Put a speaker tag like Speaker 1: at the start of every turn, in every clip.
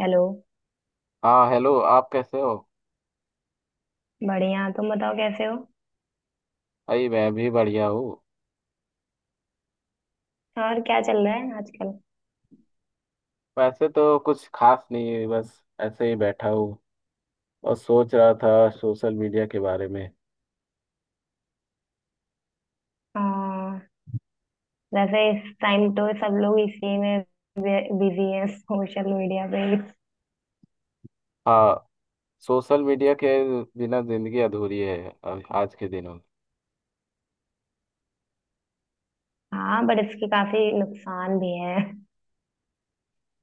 Speaker 1: Hello.
Speaker 2: हाँ hello, आप कैसे हो?
Speaker 1: बढ़िया, तुम बताओ कैसे हो।
Speaker 2: भाई, मैं भी बढ़िया हूँ।
Speaker 1: और क्या चल रहा है आजकल।
Speaker 2: वैसे तो कुछ खास नहीं है, बस ऐसे ही बैठा हूँ और सोच रहा था सोशल मीडिया के बारे में।
Speaker 1: हाँ। वैसे इस टाइम तो सब लोग इसी में बिजी हैं, सोशल मीडिया पे भी।
Speaker 2: हाँ, सोशल मीडिया के बिना जिंदगी अधूरी है आज के दिनों में।
Speaker 1: हाँ, बट इसके काफी नुकसान भी हैं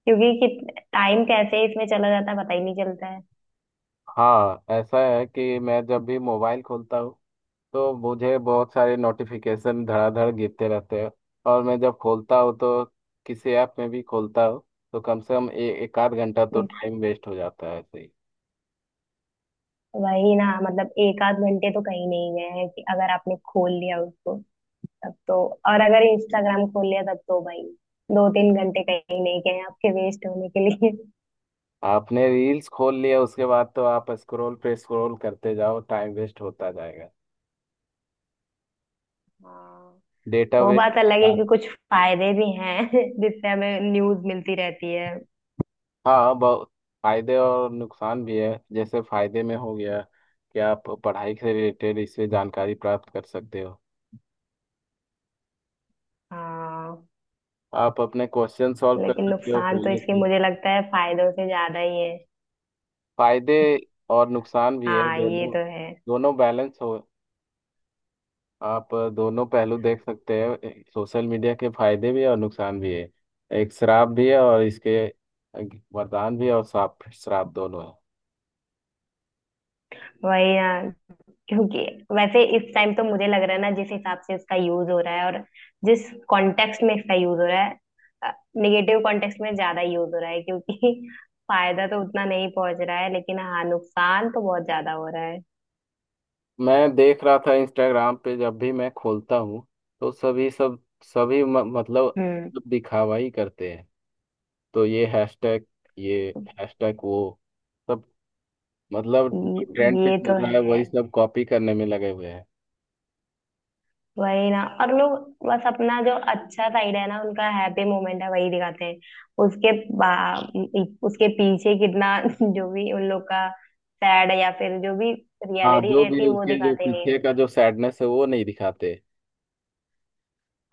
Speaker 1: क्योंकि कि टाइम कैसे इसमें चला जाता है पता ही नहीं चलता है।
Speaker 2: हाँ, ऐसा है कि मैं जब भी मोबाइल खोलता हूँ तो मुझे बहुत सारे नोटिफिकेशन धड़ाधड़ गिरते रहते हैं। और मैं जब खोलता हूँ, तो किसी ऐप में भी खोलता हूँ, तो कम से कम एक आध घंटा तो
Speaker 1: हम्म,
Speaker 2: टाइम वेस्ट हो जाता है ऐसे ही।
Speaker 1: वही ना, मतलब एक आध घंटे तो कहीं नहीं गए हैं कि अगर आपने खोल लिया उसको तब तो। और अगर इंस्टाग्राम खोल लिया तब तो भाई 2-3 घंटे कहीं नहीं गए हैं आपके वेस्ट होने के लिए।
Speaker 2: आपने रील्स खोल लिया उसके बाद तो आप स्क्रॉल पे स्क्रॉल करते जाओ, टाइम वेस्ट होता जाएगा।
Speaker 1: हाँ।
Speaker 2: डेटा
Speaker 1: वो
Speaker 2: वेस्ट।
Speaker 1: बात अलग है कि कुछ फायदे भी हैं, जिससे हमें न्यूज मिलती रहती है।
Speaker 2: हाँ, बहुत फायदे और नुकसान भी है। जैसे फायदे में हो गया कि आप पढ़ाई से रिलेटेड इससे जानकारी प्राप्त कर सकते हो।
Speaker 1: हाँ,
Speaker 2: आप अपने क्वेश्चन सॉल्व कर
Speaker 1: लेकिन
Speaker 2: सकते हो
Speaker 1: नुकसान तो
Speaker 2: कॉलेज
Speaker 1: इसके
Speaker 2: में।
Speaker 1: मुझे लगता है फायदों से ज्यादा ही है।
Speaker 2: फायदे और नुकसान भी है,
Speaker 1: हाँ, ये
Speaker 2: दोनों।
Speaker 1: तो है।
Speaker 2: दोनों बैलेंस हो। आप दोनों पहलू देख सकते हैं, सोशल मीडिया के फायदे भी है और नुकसान भी है। एक श्राप भी है और इसके वरदान भी है, और श्राप श्राप दोनों है।
Speaker 1: वही ना, क्योंकि वैसे इस टाइम तो मुझे लग रहा है ना जिस हिसाब से इसका यूज हो रहा है, और जिस कॉन्टेक्स्ट में इसका यूज हो रहा है, निगेटिव कॉन्टेक्स्ट में ज्यादा यूज हो रहा है क्योंकि फायदा तो उतना नहीं पहुंच रहा है, लेकिन हाँ नुकसान तो बहुत ज्यादा हो रहा है।
Speaker 2: मैं देख रहा था इंस्टाग्राम पे, जब भी मैं खोलता हूँ तो सभी मतलब
Speaker 1: हम्म।
Speaker 2: दिखावा ही करते हैं। तो ये हैशटैग, ये हैशटैग वो सब, मतलब जो ट्रेंड पे
Speaker 1: ये
Speaker 2: चल
Speaker 1: तो
Speaker 2: रहा है
Speaker 1: है।
Speaker 2: वही सब कॉपी करने में लगे हुए हैं।
Speaker 1: वही ना, और लोग बस अपना जो अच्छा साइड है ना, उनका हैप्पी मोमेंट है वही दिखाते हैं। उसके पीछे कितना जो भी उन लोग का सैड या फिर जो भी
Speaker 2: हाँ,
Speaker 1: रियलिटी
Speaker 2: जो
Speaker 1: रहती
Speaker 2: भी
Speaker 1: है वो
Speaker 2: उसके जो
Speaker 1: दिखाते नहीं है।
Speaker 2: पीछे का जो सैडनेस है, वो नहीं दिखाते।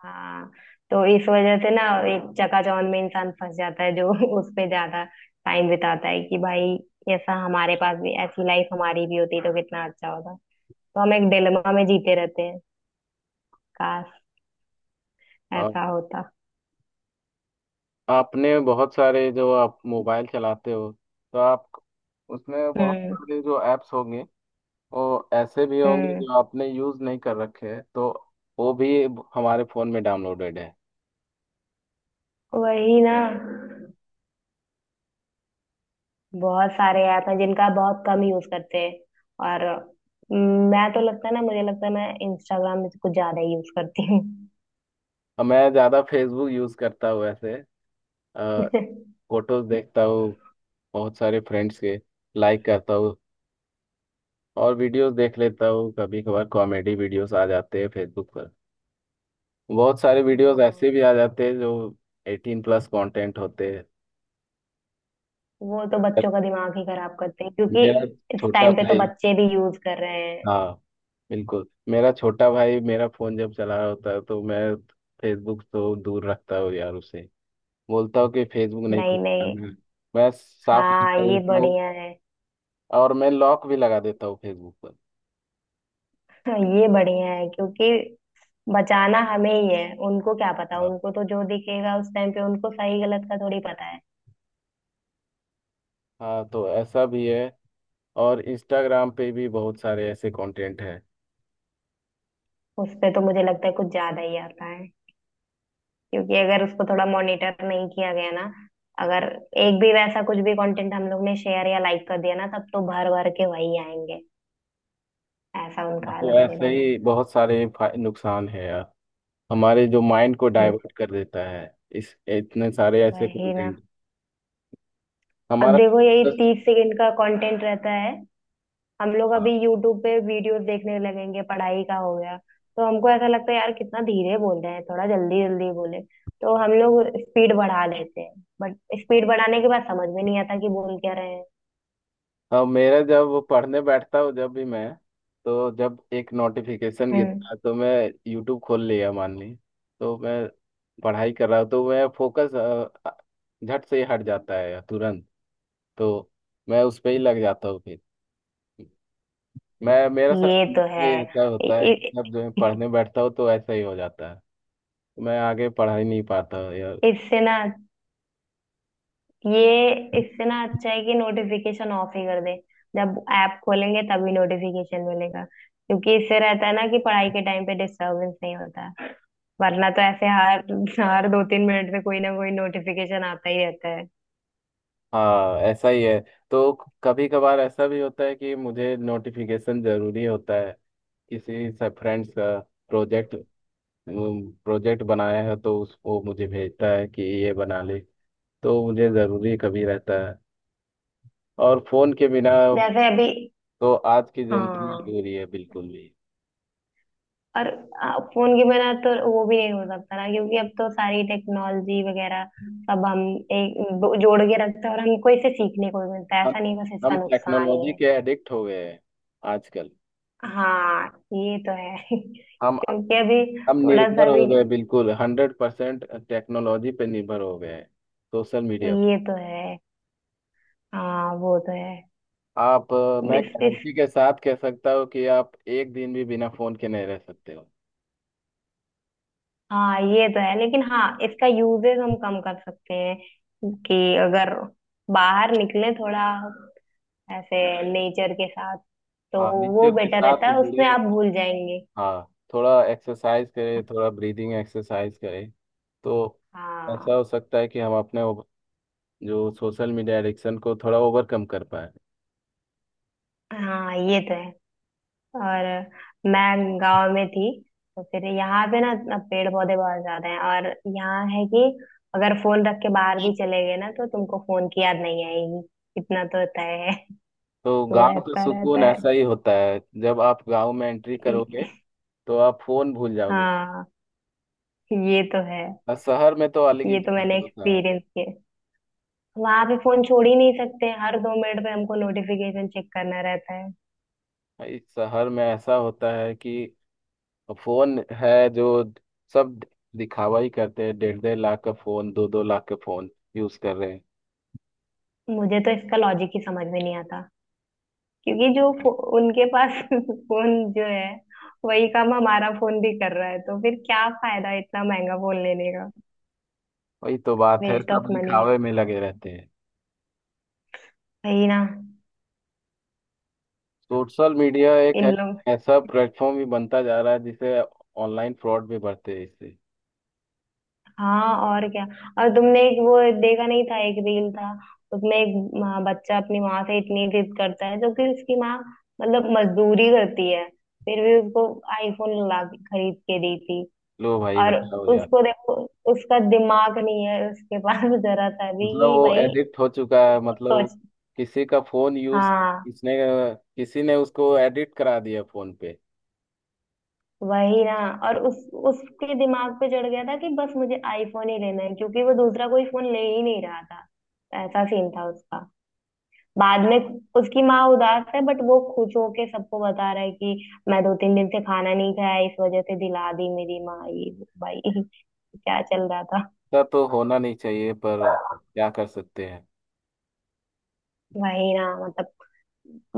Speaker 1: हाँ। तो इस वजह से ना एक चकाचौंध में इंसान फंस जाता है, जो उस पे ज्यादा टाइम बिताता है कि भाई ऐसा हमारे पास भी ऐसी लाइफ हमारी भी होती तो कितना अच्छा होता। तो हम एक डिलेमा में जीते रहते हैं, काश ऐसा होता।
Speaker 2: आपने बहुत सारे, जो आप मोबाइल चलाते हो, तो आप उसमें बहुत
Speaker 1: हम्म।
Speaker 2: सारे जो ऐप्स होंगे, वो ऐसे भी होंगे
Speaker 1: हम्म।
Speaker 2: जो आपने यूज़ नहीं कर रखे हैं, तो वो भी हमारे फ़ोन में डाउनलोडेड है।
Speaker 1: वही ना, बहुत सारे ऐप हैं जिनका बहुत कम यूज करते हैं। और मैं तो लगता है ना, मुझे लगता है मैं इंस्टाग्राम में से कुछ ज्यादा ही यूज करती हूँ।
Speaker 2: और मैं ज़्यादा फेसबुक यूज़ करता हूँ ऐसे। फोटोज़ देखता हूँ बहुत सारे फ्रेंड्स के, लाइक करता हूँ, और वीडियोस देख लेता हूँ। कभी कभार कॉमेडी वीडियोस आ जाते हैं फेसबुक पर। बहुत सारे वीडियोस ऐसे
Speaker 1: हाँ।
Speaker 2: भी आ जाते हैं जो 18+ कंटेंट होते हैं।
Speaker 1: वो तो बच्चों का दिमाग ही खराब करते हैं, क्योंकि
Speaker 2: मेरा
Speaker 1: इस
Speaker 2: छोटा
Speaker 1: टाइम पे तो
Speaker 2: भाई,
Speaker 1: बच्चे भी यूज कर रहे हैं।
Speaker 2: हाँ, बिल्कुल मेरा छोटा भाई मेरा फोन जब चला रहा होता है, तो मैं फेसबुक तो दूर रखता हूँ यार उसे। बोलता हूँ कि फेसबुक नहीं,
Speaker 1: नहीं
Speaker 2: कुछ
Speaker 1: नहीं।
Speaker 2: करना है। मैं साफ कर
Speaker 1: हाँ, ये
Speaker 2: देता हूँ,
Speaker 1: बढ़िया है।
Speaker 2: और मैं लॉक भी लगा देता हूँ फेसबुक पर।
Speaker 1: हाँ, ये बढ़िया है, क्योंकि बचाना हमें ही है, उनको क्या पता,
Speaker 2: हाँ।
Speaker 1: उनको तो जो दिखेगा उस टाइम पे उनको सही गलत का थोड़ी पता है।
Speaker 2: हाँ, तो ऐसा भी है। और इंस्टाग्राम पे भी बहुत सारे ऐसे कंटेंट हैं।
Speaker 1: उस पे तो मुझे लगता है कुछ ज्यादा ही आता, क्योंकि अगर उसको थोड़ा मॉनिटर नहीं किया गया ना, अगर एक भी वैसा कुछ भी कंटेंट हम लोग ने शेयर या लाइक कर दिया ना, तब तो भर भर के वही आएंगे, ऐसा उनका
Speaker 2: तो ऐसे
Speaker 1: एल्गोरिदम है।
Speaker 2: ही बहुत सारे नुकसान है यार, हमारे जो माइंड को
Speaker 1: हम लोग-
Speaker 2: डाइवर्ट कर देता है, इस इतने सारे ऐसे
Speaker 1: वही ना,
Speaker 2: कंटेंट
Speaker 1: अब
Speaker 2: हमारा
Speaker 1: देखो यही
Speaker 2: focus-
Speaker 1: 30 सेकंड का कंटेंट रहता है। हम लोग अभी यूट्यूब पे वीडियोस देखने लगेंगे, पढ़ाई का हो गया। तो हमको ऐसा लगता है यार कितना धीरे बोल रहे हैं, थोड़ा जल्दी जल्दी बोले। तो हम लोग स्पीड बढ़ा लेते हैं, बट स्पीड बढ़ाने के बाद समझ में नहीं आता कि बोल क्या रहे हैं।
Speaker 2: हाँ मेरा जब वो पढ़ने बैठता हूँ, जब भी मैं, तो जब एक नोटिफिकेशन गिरता
Speaker 1: हम्म।
Speaker 2: है, तो मैं यूट्यूब खोल लिया मान ली। तो मैं पढ़ाई कर रहा हूँ, तो मैं फोकस झट से ही हट जाता है तुरंत। तो मैं उस पे ही लग जाता हूँ फिर। मैं, मेरा साथ
Speaker 1: ये तो
Speaker 2: नहीं
Speaker 1: है।
Speaker 2: ऐसा
Speaker 1: इ-
Speaker 2: होता है कि जब जो मैं
Speaker 1: इ-
Speaker 2: पढ़ने बैठता हूँ तो ऐसा ही हो जाता है। मैं आगे पढ़ा ही नहीं पाता यार।
Speaker 1: इससे ना ये इससे ना अच्छा है कि नोटिफिकेशन ऑफ ही कर दे। जब ऐप खोलेंगे तभी नोटिफिकेशन मिलेगा, क्योंकि इससे रहता है ना कि पढ़ाई के टाइम पे डिस्टरबेंस नहीं होता है। वरना तो ऐसे हर हर 2-3 मिनट पे कोई ना कोई नोटिफिकेशन आता ही रहता है।
Speaker 2: हाँ, ऐसा ही है। तो कभी कभार ऐसा भी होता है कि मुझे नोटिफिकेशन जरूरी होता है, किसी से फ्रेंड्स का प्रोजेक्ट, प्रोजेक्ट बनाया है तो उस वो मुझे भेजता है कि ये बना ले। तो मुझे ज़रूरी कभी रहता है। और फ़ोन के बिना
Speaker 1: जैसे अभी।
Speaker 2: तो आज की ज़िंदगी
Speaker 1: हाँ।
Speaker 2: अधूरी है, बिल्कुल भी।
Speaker 1: और फोन के बिना तो वो भी नहीं हो सकता ना, क्योंकि अब तो सारी टेक्नोलॉजी वगैरह सब हम एक जोड़ के रखते हैं, और हमको इसे सीखने को भी मिलता है,
Speaker 2: हम
Speaker 1: ऐसा नहीं बस
Speaker 2: हम
Speaker 1: इसका नुकसान ही
Speaker 2: टेक्नोलॉजी
Speaker 1: है।
Speaker 2: के एडिक्ट हो गए हैं आजकल।
Speaker 1: हाँ, ये तो है।
Speaker 2: हम
Speaker 1: क्योंकि अभी
Speaker 2: हम
Speaker 1: थोड़ा
Speaker 2: निर्भर
Speaker 1: सा भी
Speaker 2: हो गए, बिल्कुल 100% टेक्नोलॉजी पे निर्भर हो गए हैं, सोशल मीडिया पे।
Speaker 1: ये तो है। हाँ, वो तो है।
Speaker 2: आप मैं
Speaker 1: इस।
Speaker 2: गारंटी के साथ कह सकता हूँ कि आप एक दिन भी बिना फ़ोन के नहीं रह सकते हो।
Speaker 1: हाँ ये तो है, लेकिन हाँ इसका यूजेस हम कम कर सकते हैं कि अगर बाहर निकले थोड़ा ऐसे नेचर के साथ, तो
Speaker 2: हाँ,
Speaker 1: वो
Speaker 2: नेचर के
Speaker 1: बेटर रहता
Speaker 2: साथ
Speaker 1: है, उसमें
Speaker 2: जुड़े।
Speaker 1: आप भूल जाएंगे।
Speaker 2: हाँ, थोड़ा एक्सरसाइज करें, थोड़ा ब्रीदिंग एक्सरसाइज करें, तो ऐसा
Speaker 1: हाँ।
Speaker 2: हो सकता है कि हम अपने जो सोशल मीडिया एडिक्शन को थोड़ा ओवरकम कर पाए।
Speaker 1: हाँ, ये तो है। और मैं गांव में थी, तो फिर यहाँ पे ना इतना पेड़ पौधे बहुत ज्यादा हैं, और यहाँ है कि अगर फोन रख के बाहर भी चले गए ना तो तुमको फोन की याद नहीं आएगी, इतना तो तय है।
Speaker 2: तो
Speaker 1: तो
Speaker 2: गांव का
Speaker 1: ऐसा रहता
Speaker 2: सुकून
Speaker 1: है।
Speaker 2: ऐसा ही होता है, जब आप गांव में एंट्री करोगे तो आप फोन भूल जाओगे।
Speaker 1: हाँ, ये तो है।
Speaker 2: और शहर में तो अलग ही
Speaker 1: ये तो मैंने
Speaker 2: सुकून होता है।
Speaker 1: एक्सपीरियंस किया। वहां पे फोन छोड़ ही नहीं सकते, हर 2 मिनट पे हमको नोटिफिकेशन चेक करना रहता है।
Speaker 2: भाई शहर में ऐसा होता है कि फोन है, जो सब दिखावा ही करते हैं। डेढ़ 1.5 लाख का फोन, दो 2 लाख का फोन यूज कर रहे हैं।
Speaker 1: मुझे तो इसका लॉजिक ही समझ में नहीं आता, क्योंकि उनके पास फोन जो है वही काम हमारा फोन भी कर रहा है, तो फिर क्या फायदा इतना महंगा फोन लेने का।
Speaker 2: वही तो बात है,
Speaker 1: वेस्ट ऑफ
Speaker 2: सब
Speaker 1: मनी है।
Speaker 2: दिखावे में लगे रहते हैं।
Speaker 1: वही ना।
Speaker 2: सोशल मीडिया एक है,
Speaker 1: इन लोग।
Speaker 2: ऐसा प्लेटफॉर्म भी बनता जा रहा है जिसे ऑनलाइन फ्रॉड भी बढ़ते हैं इससे।
Speaker 1: हाँ, और क्या। और तुमने एक वो देखा नहीं था, एक रील था, उसमें एक बच्चा अपनी माँ से इतनी जिद करता है, जो कि उसकी माँ मतलब मजदूरी करती है, फिर भी उसको आईफोन ला के खरीद के दी थी।
Speaker 2: लो भाई
Speaker 1: और
Speaker 2: बताओ यार।
Speaker 1: उसको देखो, उसका दिमाग नहीं है उसके पास जरा सा भी
Speaker 2: मतलब
Speaker 1: कि
Speaker 2: वो
Speaker 1: भाई
Speaker 2: एडिक्ट हो चुका है, मतलब
Speaker 1: सोचना।
Speaker 2: किसी का फोन यूज
Speaker 1: हाँ।
Speaker 2: किसने किसी ने उसको एडिक्ट करा दिया फोन पे।
Speaker 1: वही ना, और उस उसके दिमाग पे चढ़ गया था कि बस मुझे आईफोन ही लेना है, क्योंकि वो दूसरा कोई फोन ले ही नहीं रहा था। ऐसा सीन था उसका। बाद में उसकी माँ उदास है, बट वो खुश होके सबको बता रहा है कि मैं 2-3 दिन से खाना नहीं खाया, इस वजह से दिला दी मेरी माँ ये वो। भाई क्या चल रहा था।
Speaker 2: ऐसा तो होना नहीं चाहिए, पर क्या कर सकते हैं।
Speaker 1: वही ना, मतलब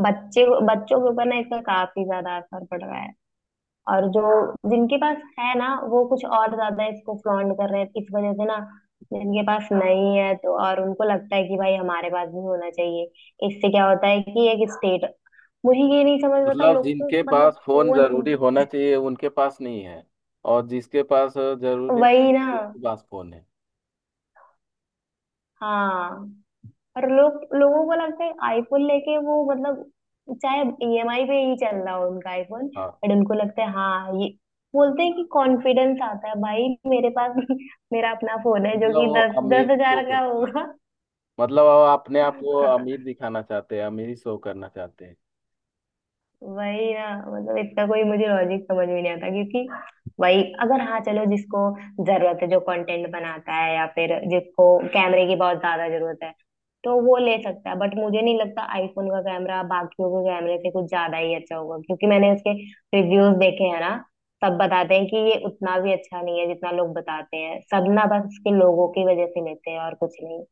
Speaker 1: बच्चे बच्चों के ऊपर ना इसका काफी ज्यादा असर पड़ रहा है। और जो जिनके पास है ना वो कुछ और ज्यादा इसको फ्लॉन्ट कर रहे हैं, इस वजह से ना जिनके पास नहीं है तो और उनको लगता है कि भाई हमारे पास भी होना चाहिए। इससे क्या होता है कि एक स्टेट, मुझे ये नहीं समझ में आता
Speaker 2: मतलब
Speaker 1: लोग को,
Speaker 2: जिनके
Speaker 1: मतलब
Speaker 2: पास फोन
Speaker 1: फोन।
Speaker 2: जरूरी होना चाहिए, उनके पास नहीं है, और जिसके पास जरूरी नहीं
Speaker 1: वही
Speaker 2: है,
Speaker 1: ना।
Speaker 2: उसके पास फोन है।
Speaker 1: हाँ, और लोग लोगों को लगता है आईफोन लेके वो मतलब, चाहे ईएमआई पे ही चल रहा हो उनका आईफोन,
Speaker 2: हाँ।
Speaker 1: बट उनको लगता है हाँ ये, बोलते हैं कि कॉन्फिडेंस आता है भाई मेरे पास मेरा अपना फोन है, जो
Speaker 2: मतलब
Speaker 1: कि
Speaker 2: वो
Speaker 1: दस
Speaker 2: अमीर
Speaker 1: दस
Speaker 2: शो
Speaker 1: हजार का
Speaker 2: करते हैं,
Speaker 1: होगा।
Speaker 2: मतलब वो अपने आप को अमीर दिखाना चाहते हैं, अमीर शो करना चाहते हैं।
Speaker 1: वही ना, मतलब इतना कोई मुझे लॉजिक समझ में नहीं आता, क्योंकि वही अगर, हाँ चलो जिसको जरूरत है, जो कंटेंट बनाता है या फिर जिसको कैमरे की बहुत ज्यादा जरूरत है, तो वो ले सकता है। बट मुझे नहीं लगता आईफोन का कैमरा बाकियों के कैमरे से कुछ ज्यादा ही अच्छा होगा, क्योंकि मैंने उसके रिव्यूज देखे हैं ना, सब बताते हैं कि ये उतना भी अच्छा नहीं है जितना लोग बताते हैं, सब ना बस उसके लोगों की वजह से लेते हैं और कुछ नहीं।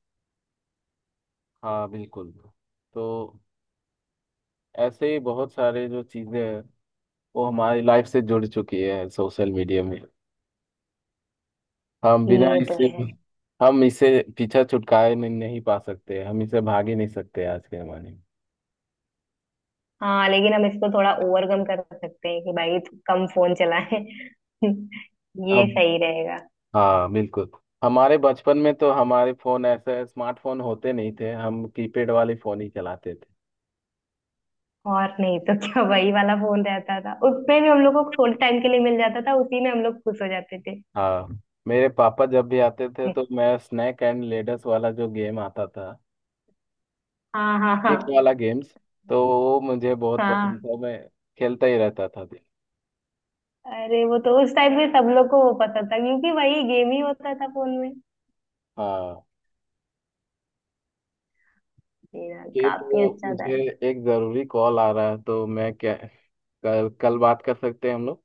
Speaker 2: हाँ, बिल्कुल। तो ऐसे ही बहुत सारे जो चीजें हैं, वो हमारी लाइफ से जुड़ चुकी है, सोशल मीडिया में। हम बिना
Speaker 1: ये तो
Speaker 2: इससे,
Speaker 1: है।
Speaker 2: हम इसे पीछा छुटकारे नहीं पा सकते, हम इसे भाग ही नहीं सकते आज के जमाने में।
Speaker 1: हाँ, लेकिन हम इसको थोड़ा ओवरकम कर सकते हैं कि भाई तू कम फोन चलाए। ये
Speaker 2: अब,
Speaker 1: सही रहेगा।
Speaker 2: हाँ, बिल्कुल। हमारे बचपन में तो हमारे फोन ऐसे स्मार्टफोन होते नहीं थे, हम कीपैड वाले फोन ही चलाते थे।
Speaker 1: और नहीं तो क्या, वही वाला फोन रहता था, उसमें भी हम लोग को थोड़े टाइम के लिए मिल जाता था, उसी में हम लोग खुश हो जाते थे।
Speaker 2: हाँ, मेरे पापा जब भी आते थे तो मैं स्नैक एंड लेडर्स वाला जो गेम आता था,
Speaker 1: हाँ हाँ हाँ।
Speaker 2: एक वाला गेम्स, तो वो मुझे बहुत पसंद
Speaker 1: हाँ।
Speaker 2: था। मैं खेलता ही रहता था दिन।
Speaker 1: अरे वो तो उस टाइम पे सब लोग को वो पसंद था, क्योंकि वही गेम ही होता था फोन में।
Speaker 2: हाँ,
Speaker 1: मेरा
Speaker 2: ये
Speaker 1: काफी
Speaker 2: तो
Speaker 1: अच्छा था।
Speaker 2: मुझे एक ज़रूरी कॉल आ रहा है, तो मैं क्या कल कल बात कर सकते हैं हम लोग।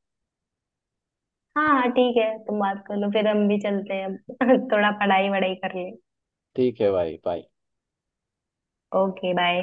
Speaker 1: हाँ हाँ, ठीक है, तुम बात कर लो, फिर हम भी चलते हैं अब थोड़ा पढ़ाई वढ़ाई कर ले।
Speaker 2: ठीक है भाई, बाय।
Speaker 1: Okay bye.